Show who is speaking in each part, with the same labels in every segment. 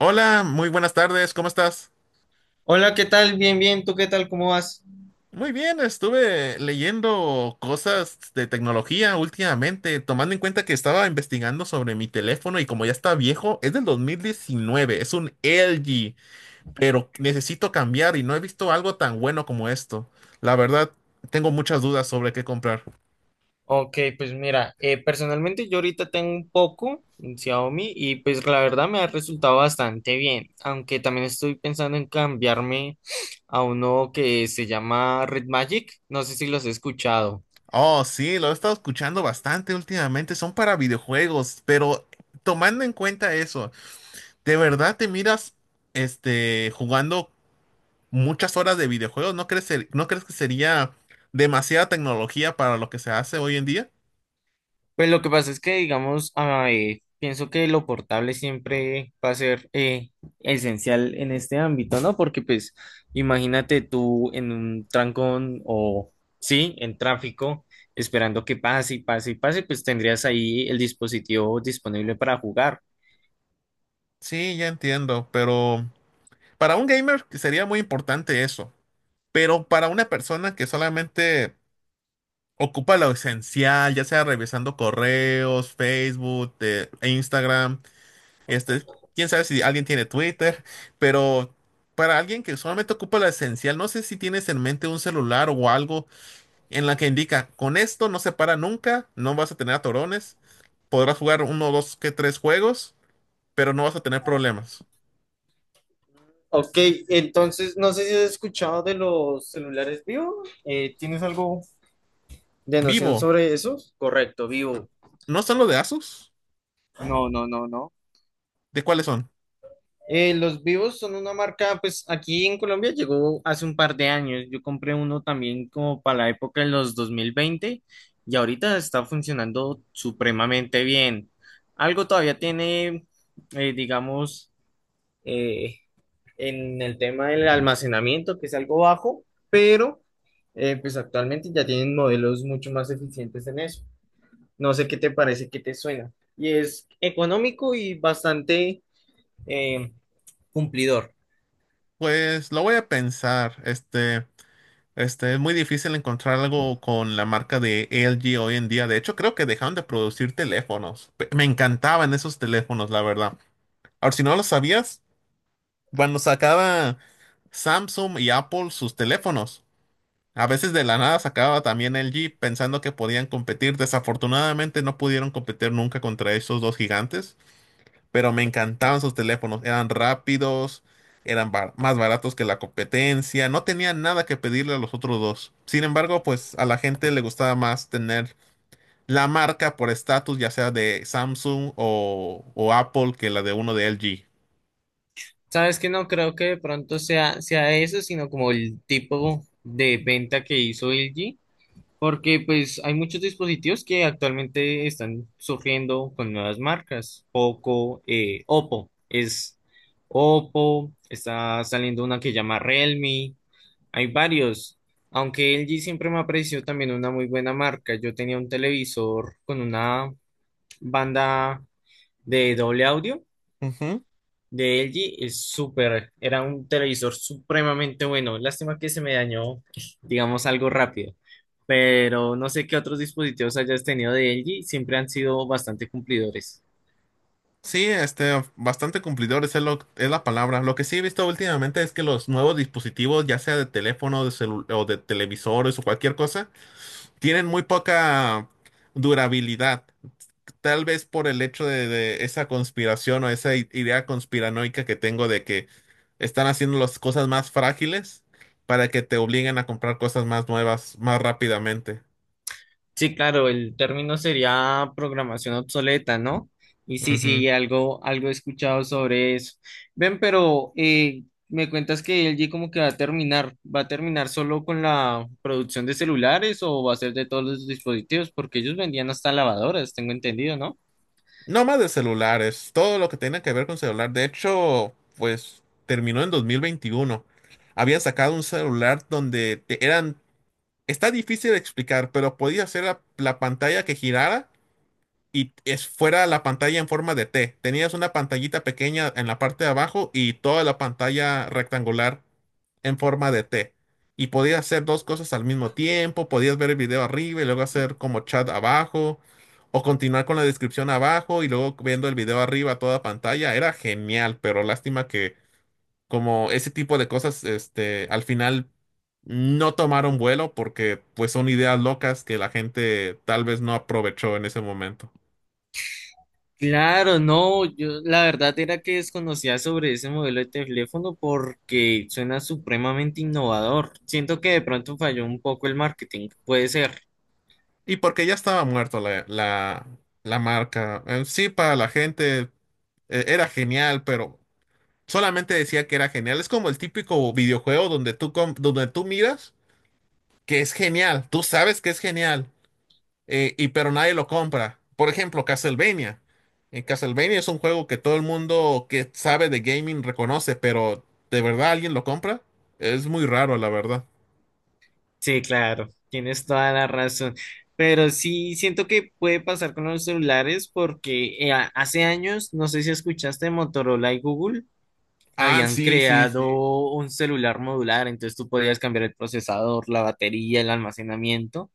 Speaker 1: Hola, muy buenas tardes, ¿cómo estás?
Speaker 2: Hola, ¿qué tal? Bien, bien. ¿Tú qué tal? ¿Cómo vas?
Speaker 1: Muy bien, estuve leyendo cosas de tecnología últimamente, tomando en cuenta que estaba investigando sobre mi teléfono y como ya está viejo, es del 2019. Es un LG, pero necesito cambiar y no he visto algo tan bueno como esto. La verdad, tengo muchas dudas sobre qué comprar.
Speaker 2: Ok, pues mira, personalmente yo ahorita tengo un poco un Xiaomi y pues la verdad me ha resultado bastante bien, aunque también estoy pensando en cambiarme a uno que se llama Red Magic, no sé si los he escuchado.
Speaker 1: Oh, sí, lo he estado escuchando bastante últimamente, son para videojuegos, pero tomando en cuenta eso, ¿de verdad te miras jugando muchas horas de videojuegos? ¿No crees que sería demasiada tecnología para lo que se hace hoy en día?
Speaker 2: Pues lo que pasa es que, digamos, pienso que lo portable siempre va a ser esencial en este ámbito, ¿no? Porque, pues, imagínate tú en un trancón o, sí, en tráfico, esperando que pase y pase y pase, pues tendrías ahí el dispositivo disponible para jugar.
Speaker 1: Sí, ya entiendo, pero para un gamer sería muy importante eso, pero para una persona que solamente ocupa lo esencial, ya sea revisando correos, Facebook, e Instagram, este, quién sabe si alguien tiene Twitter, pero para alguien que solamente ocupa lo esencial, no sé si tienes en mente un celular o algo en la que indica, con esto no se para nunca, no vas a tener atorones, podrás jugar uno, dos, que tres juegos, pero no vas a tener problemas.
Speaker 2: Ok, entonces, no sé si has escuchado de los celulares Vivo. ¿Tienes algo de noción
Speaker 1: Vivo,
Speaker 2: sobre eso? Correcto, Vivo.
Speaker 1: ¿no son los de Asus?
Speaker 2: No, no, no, no.
Speaker 1: ¿De cuáles son?
Speaker 2: Los Vivos son una marca, pues aquí en Colombia llegó hace un par de años. Yo compré uno también como para la época de los 2020 y ahorita está funcionando supremamente bien. Algo todavía tiene, eh, digamos, eh, en el tema del almacenamiento, que es algo bajo, pero pues actualmente ya tienen modelos mucho más eficientes en eso. No sé qué te parece, qué te suena. Y es económico y bastante eh, cumplidor.
Speaker 1: Pues lo voy a pensar. Es muy difícil encontrar algo con la marca de LG hoy en día. De hecho, creo que dejaron de producir teléfonos. Me encantaban esos teléfonos, la verdad. Ahora, si no lo sabías, cuando sacaba Samsung y Apple sus teléfonos, a veces de la nada sacaba también el Jeep pensando que podían competir. Desafortunadamente no pudieron competir nunca contra esos dos gigantes, pero me encantaban sus teléfonos. Eran rápidos, eran más baratos que la competencia, no tenían nada que pedirle a los otros dos. Sin embargo, pues a la gente le gustaba más tener la marca por estatus, ya sea de Samsung o Apple, que la de uno de LG.
Speaker 2: Sabes que no creo que de pronto sea eso, sino como el tipo de venta que hizo LG, porque pues hay muchos dispositivos que actualmente están surgiendo con nuevas marcas. Poco, Oppo es Oppo, está saliendo una que llama Realme, hay varios. Aunque LG siempre me ha parecido también una muy buena marca. Yo tenía un televisor con una banda de doble audio de LG es súper, era un televisor supremamente bueno. Lástima que se me dañó, digamos, algo rápido. Pero no sé qué otros dispositivos hayas tenido de LG, siempre han sido bastante cumplidores.
Speaker 1: Sí, bastante cumplidor es, lo, es la palabra. Lo que sí he visto últimamente es que los nuevos dispositivos, ya sea de teléfono, o de televisores o cualquier cosa, tienen muy poca durabilidad. Tal vez por el hecho de esa conspiración o esa idea conspiranoica que tengo de que están haciendo las cosas más frágiles para que te obliguen a comprar cosas más nuevas más rápidamente.
Speaker 2: Sí, claro, el término sería programación obsoleta, ¿no? Y sí, sí, algo he escuchado sobre eso. Ven, pero me cuentas que LG como que ¿va a terminar solo con la producción de celulares o va a ser de todos los dispositivos? Porque ellos vendían hasta lavadoras, tengo entendido, ¿no?
Speaker 1: No más de celulares, todo lo que tenga que ver con celular. De hecho, pues terminó en 2021. Había sacado un celular donde eran... Está difícil de explicar, pero podía hacer la pantalla que girara y es fuera la pantalla en forma de T. Tenías una pantallita pequeña en la parte de abajo y toda la pantalla rectangular en forma de T. Y podías hacer dos cosas al mismo tiempo, podías ver el video arriba y luego hacer como chat abajo, o continuar con la descripción abajo y luego viendo el video arriba a toda pantalla. Era genial, pero lástima que como ese tipo de cosas, al final no tomaron vuelo porque pues son ideas locas que la gente tal vez no aprovechó en ese momento.
Speaker 2: Claro, no, yo la verdad era que desconocía sobre ese modelo de teléfono porque suena supremamente innovador. Siento que de pronto falló un poco el marketing, puede ser.
Speaker 1: Y porque ya estaba muerto la marca. En sí, para la gente era genial, pero solamente decía que era genial. Es como el típico videojuego donde tú miras que es genial. Tú sabes que es genial, pero nadie lo compra. Por ejemplo, Castlevania. En Castlevania es un juego que todo el mundo que sabe de gaming reconoce, pero ¿de verdad alguien lo compra? Es muy raro, la verdad.
Speaker 2: Sí, claro, tienes toda la razón. Pero sí siento que puede pasar con los celulares porque hace años, no sé si escuchaste, Motorola y Google
Speaker 1: Ah,
Speaker 2: habían
Speaker 1: sí, sí, sí.
Speaker 2: creado un celular modular, entonces tú podías cambiar el procesador, la batería, el almacenamiento,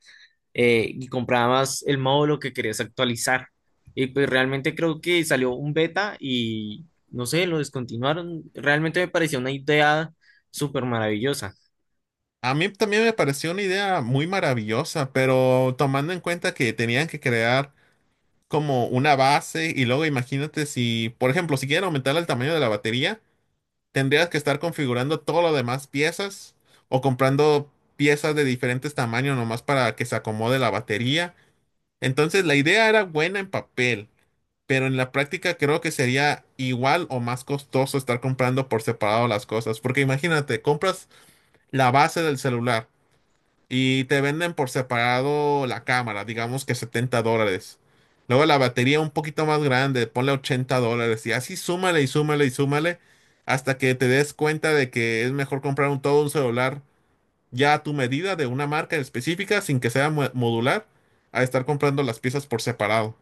Speaker 2: y comprabas el módulo que querías actualizar. Y pues realmente creo que salió un beta y no sé, lo descontinuaron. Realmente me pareció una idea súper maravillosa.
Speaker 1: A mí también me pareció una idea muy maravillosa, pero tomando en cuenta que tenían que crear como una base y luego imagínate si, por ejemplo, si quieren aumentar el tamaño de la batería, tendrías que estar configurando todo lo demás piezas o comprando piezas de diferentes tamaños nomás para que se acomode la batería. Entonces la idea era buena en papel, pero en la práctica creo que sería igual o más costoso estar comprando por separado las cosas, porque imagínate, compras la base del celular y te venden por separado la cámara, digamos que $70. Luego la batería un poquito más grande, ponle $80. Y así súmale y súmale y súmale hasta que te des cuenta de que es mejor comprar un todo un celular ya a tu medida de una marca específica sin que sea modular a estar comprando las piezas por separado.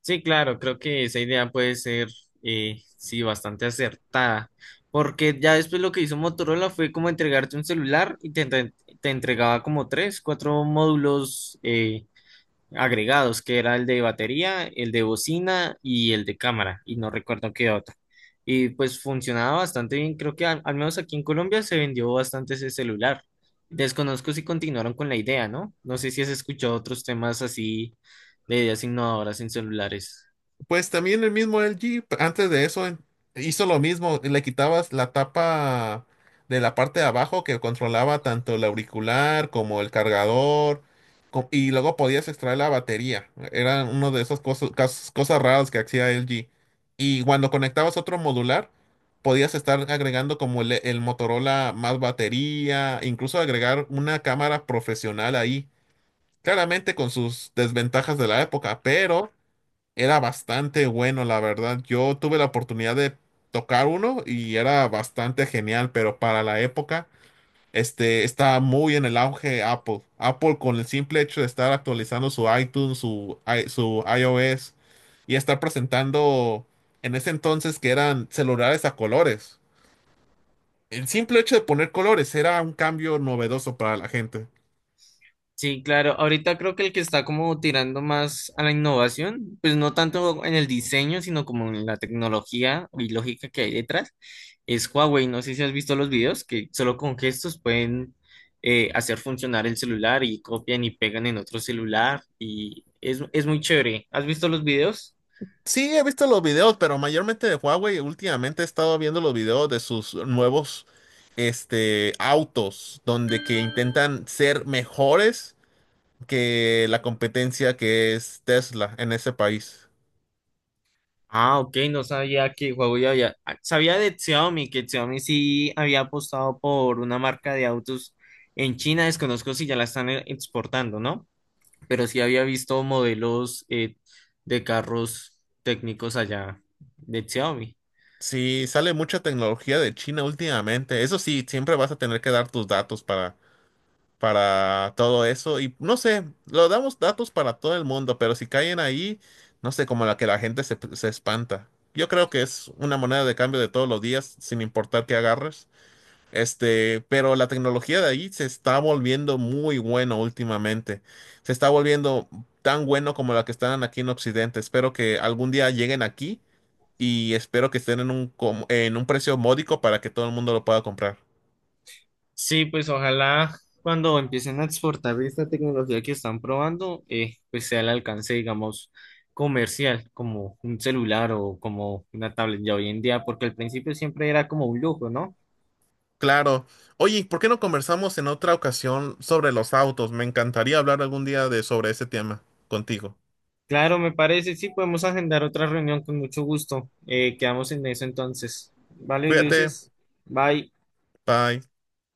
Speaker 2: Sí, claro, creo que esa idea puede ser, sí, bastante acertada, porque ya después lo que hizo Motorola fue como entregarte un celular y te entregaba como tres, cuatro módulos agregados, que era el de batería, el de bocina y el de cámara, y no recuerdo qué otro. Y pues funcionaba bastante bien, creo que al menos aquí en Colombia se vendió bastante ese celular. Desconozco si continuaron con la idea, ¿no? No sé si has escuchado otros temas así de ideas innovadoras en celulares.
Speaker 1: Pues también el mismo LG, antes de eso, hizo lo mismo, le quitabas la tapa de la parte de abajo que controlaba tanto el auricular como el cargador, y luego podías extraer la batería. Era uno de esas cosas raras que hacía LG. Y cuando conectabas otro modular, podías estar agregando como el Motorola más batería, incluso agregar una cámara profesional ahí. Claramente con sus desventajas de la época, pero era bastante bueno, la verdad. Yo tuve la oportunidad de tocar uno y era bastante genial, pero para la época, estaba muy en el auge Apple. Apple con el simple hecho de estar actualizando su iTunes, su iOS y estar presentando en ese entonces que eran celulares a colores. El simple hecho de poner colores era un cambio novedoso para la gente.
Speaker 2: Sí, claro. Ahorita creo que el que está como tirando más a la innovación, pues no tanto en el diseño, sino como en la tecnología y lógica que hay detrás, es Huawei. No sé si has visto los videos que solo con gestos pueden hacer funcionar el celular y copian y pegan en otro celular y es muy chévere. ¿Has visto los videos?
Speaker 1: Sí, he visto los videos, pero mayormente de Huawei. Últimamente he estado viendo los videos de sus nuevos, autos, donde que intentan ser mejores que la competencia que es Tesla en ese país.
Speaker 2: Ah, ok, no sabía que Huawei había, ah, sabía de Xiaomi, que Xiaomi sí había apostado por una marca de autos en China, desconozco si ya la están exportando, ¿no? Pero sí había visto modelos de carros técnicos allá de Xiaomi.
Speaker 1: Sí, sale mucha tecnología de China últimamente. Eso sí, siempre vas a tener que dar tus datos para todo eso. Y no sé, lo damos datos para todo el mundo, pero si caen ahí, no sé, como la que la gente se espanta. Yo creo que es una moneda de cambio de todos los días, sin importar qué agarres. Pero la tecnología de ahí se está volviendo muy bueno últimamente. Se está volviendo tan bueno como la que están aquí en Occidente. Espero que algún día lleguen aquí y espero que estén en un, en un precio módico para que todo el mundo lo pueda comprar.
Speaker 2: Sí, pues ojalá cuando empiecen a exportar esta tecnología que están probando, pues sea al alcance, digamos, comercial, como un celular o como una tablet ya hoy en día, porque al principio siempre era como un lujo, ¿no?
Speaker 1: Claro. Oye, ¿por qué no conversamos en otra ocasión sobre los autos? Me encantaría hablar algún día de sobre ese tema contigo.
Speaker 2: Claro, me parece, sí, podemos agendar otra reunión con mucho gusto. Quedamos en eso entonces. Vale,
Speaker 1: Cuídate.
Speaker 2: Ulises, bye.
Speaker 1: Bye.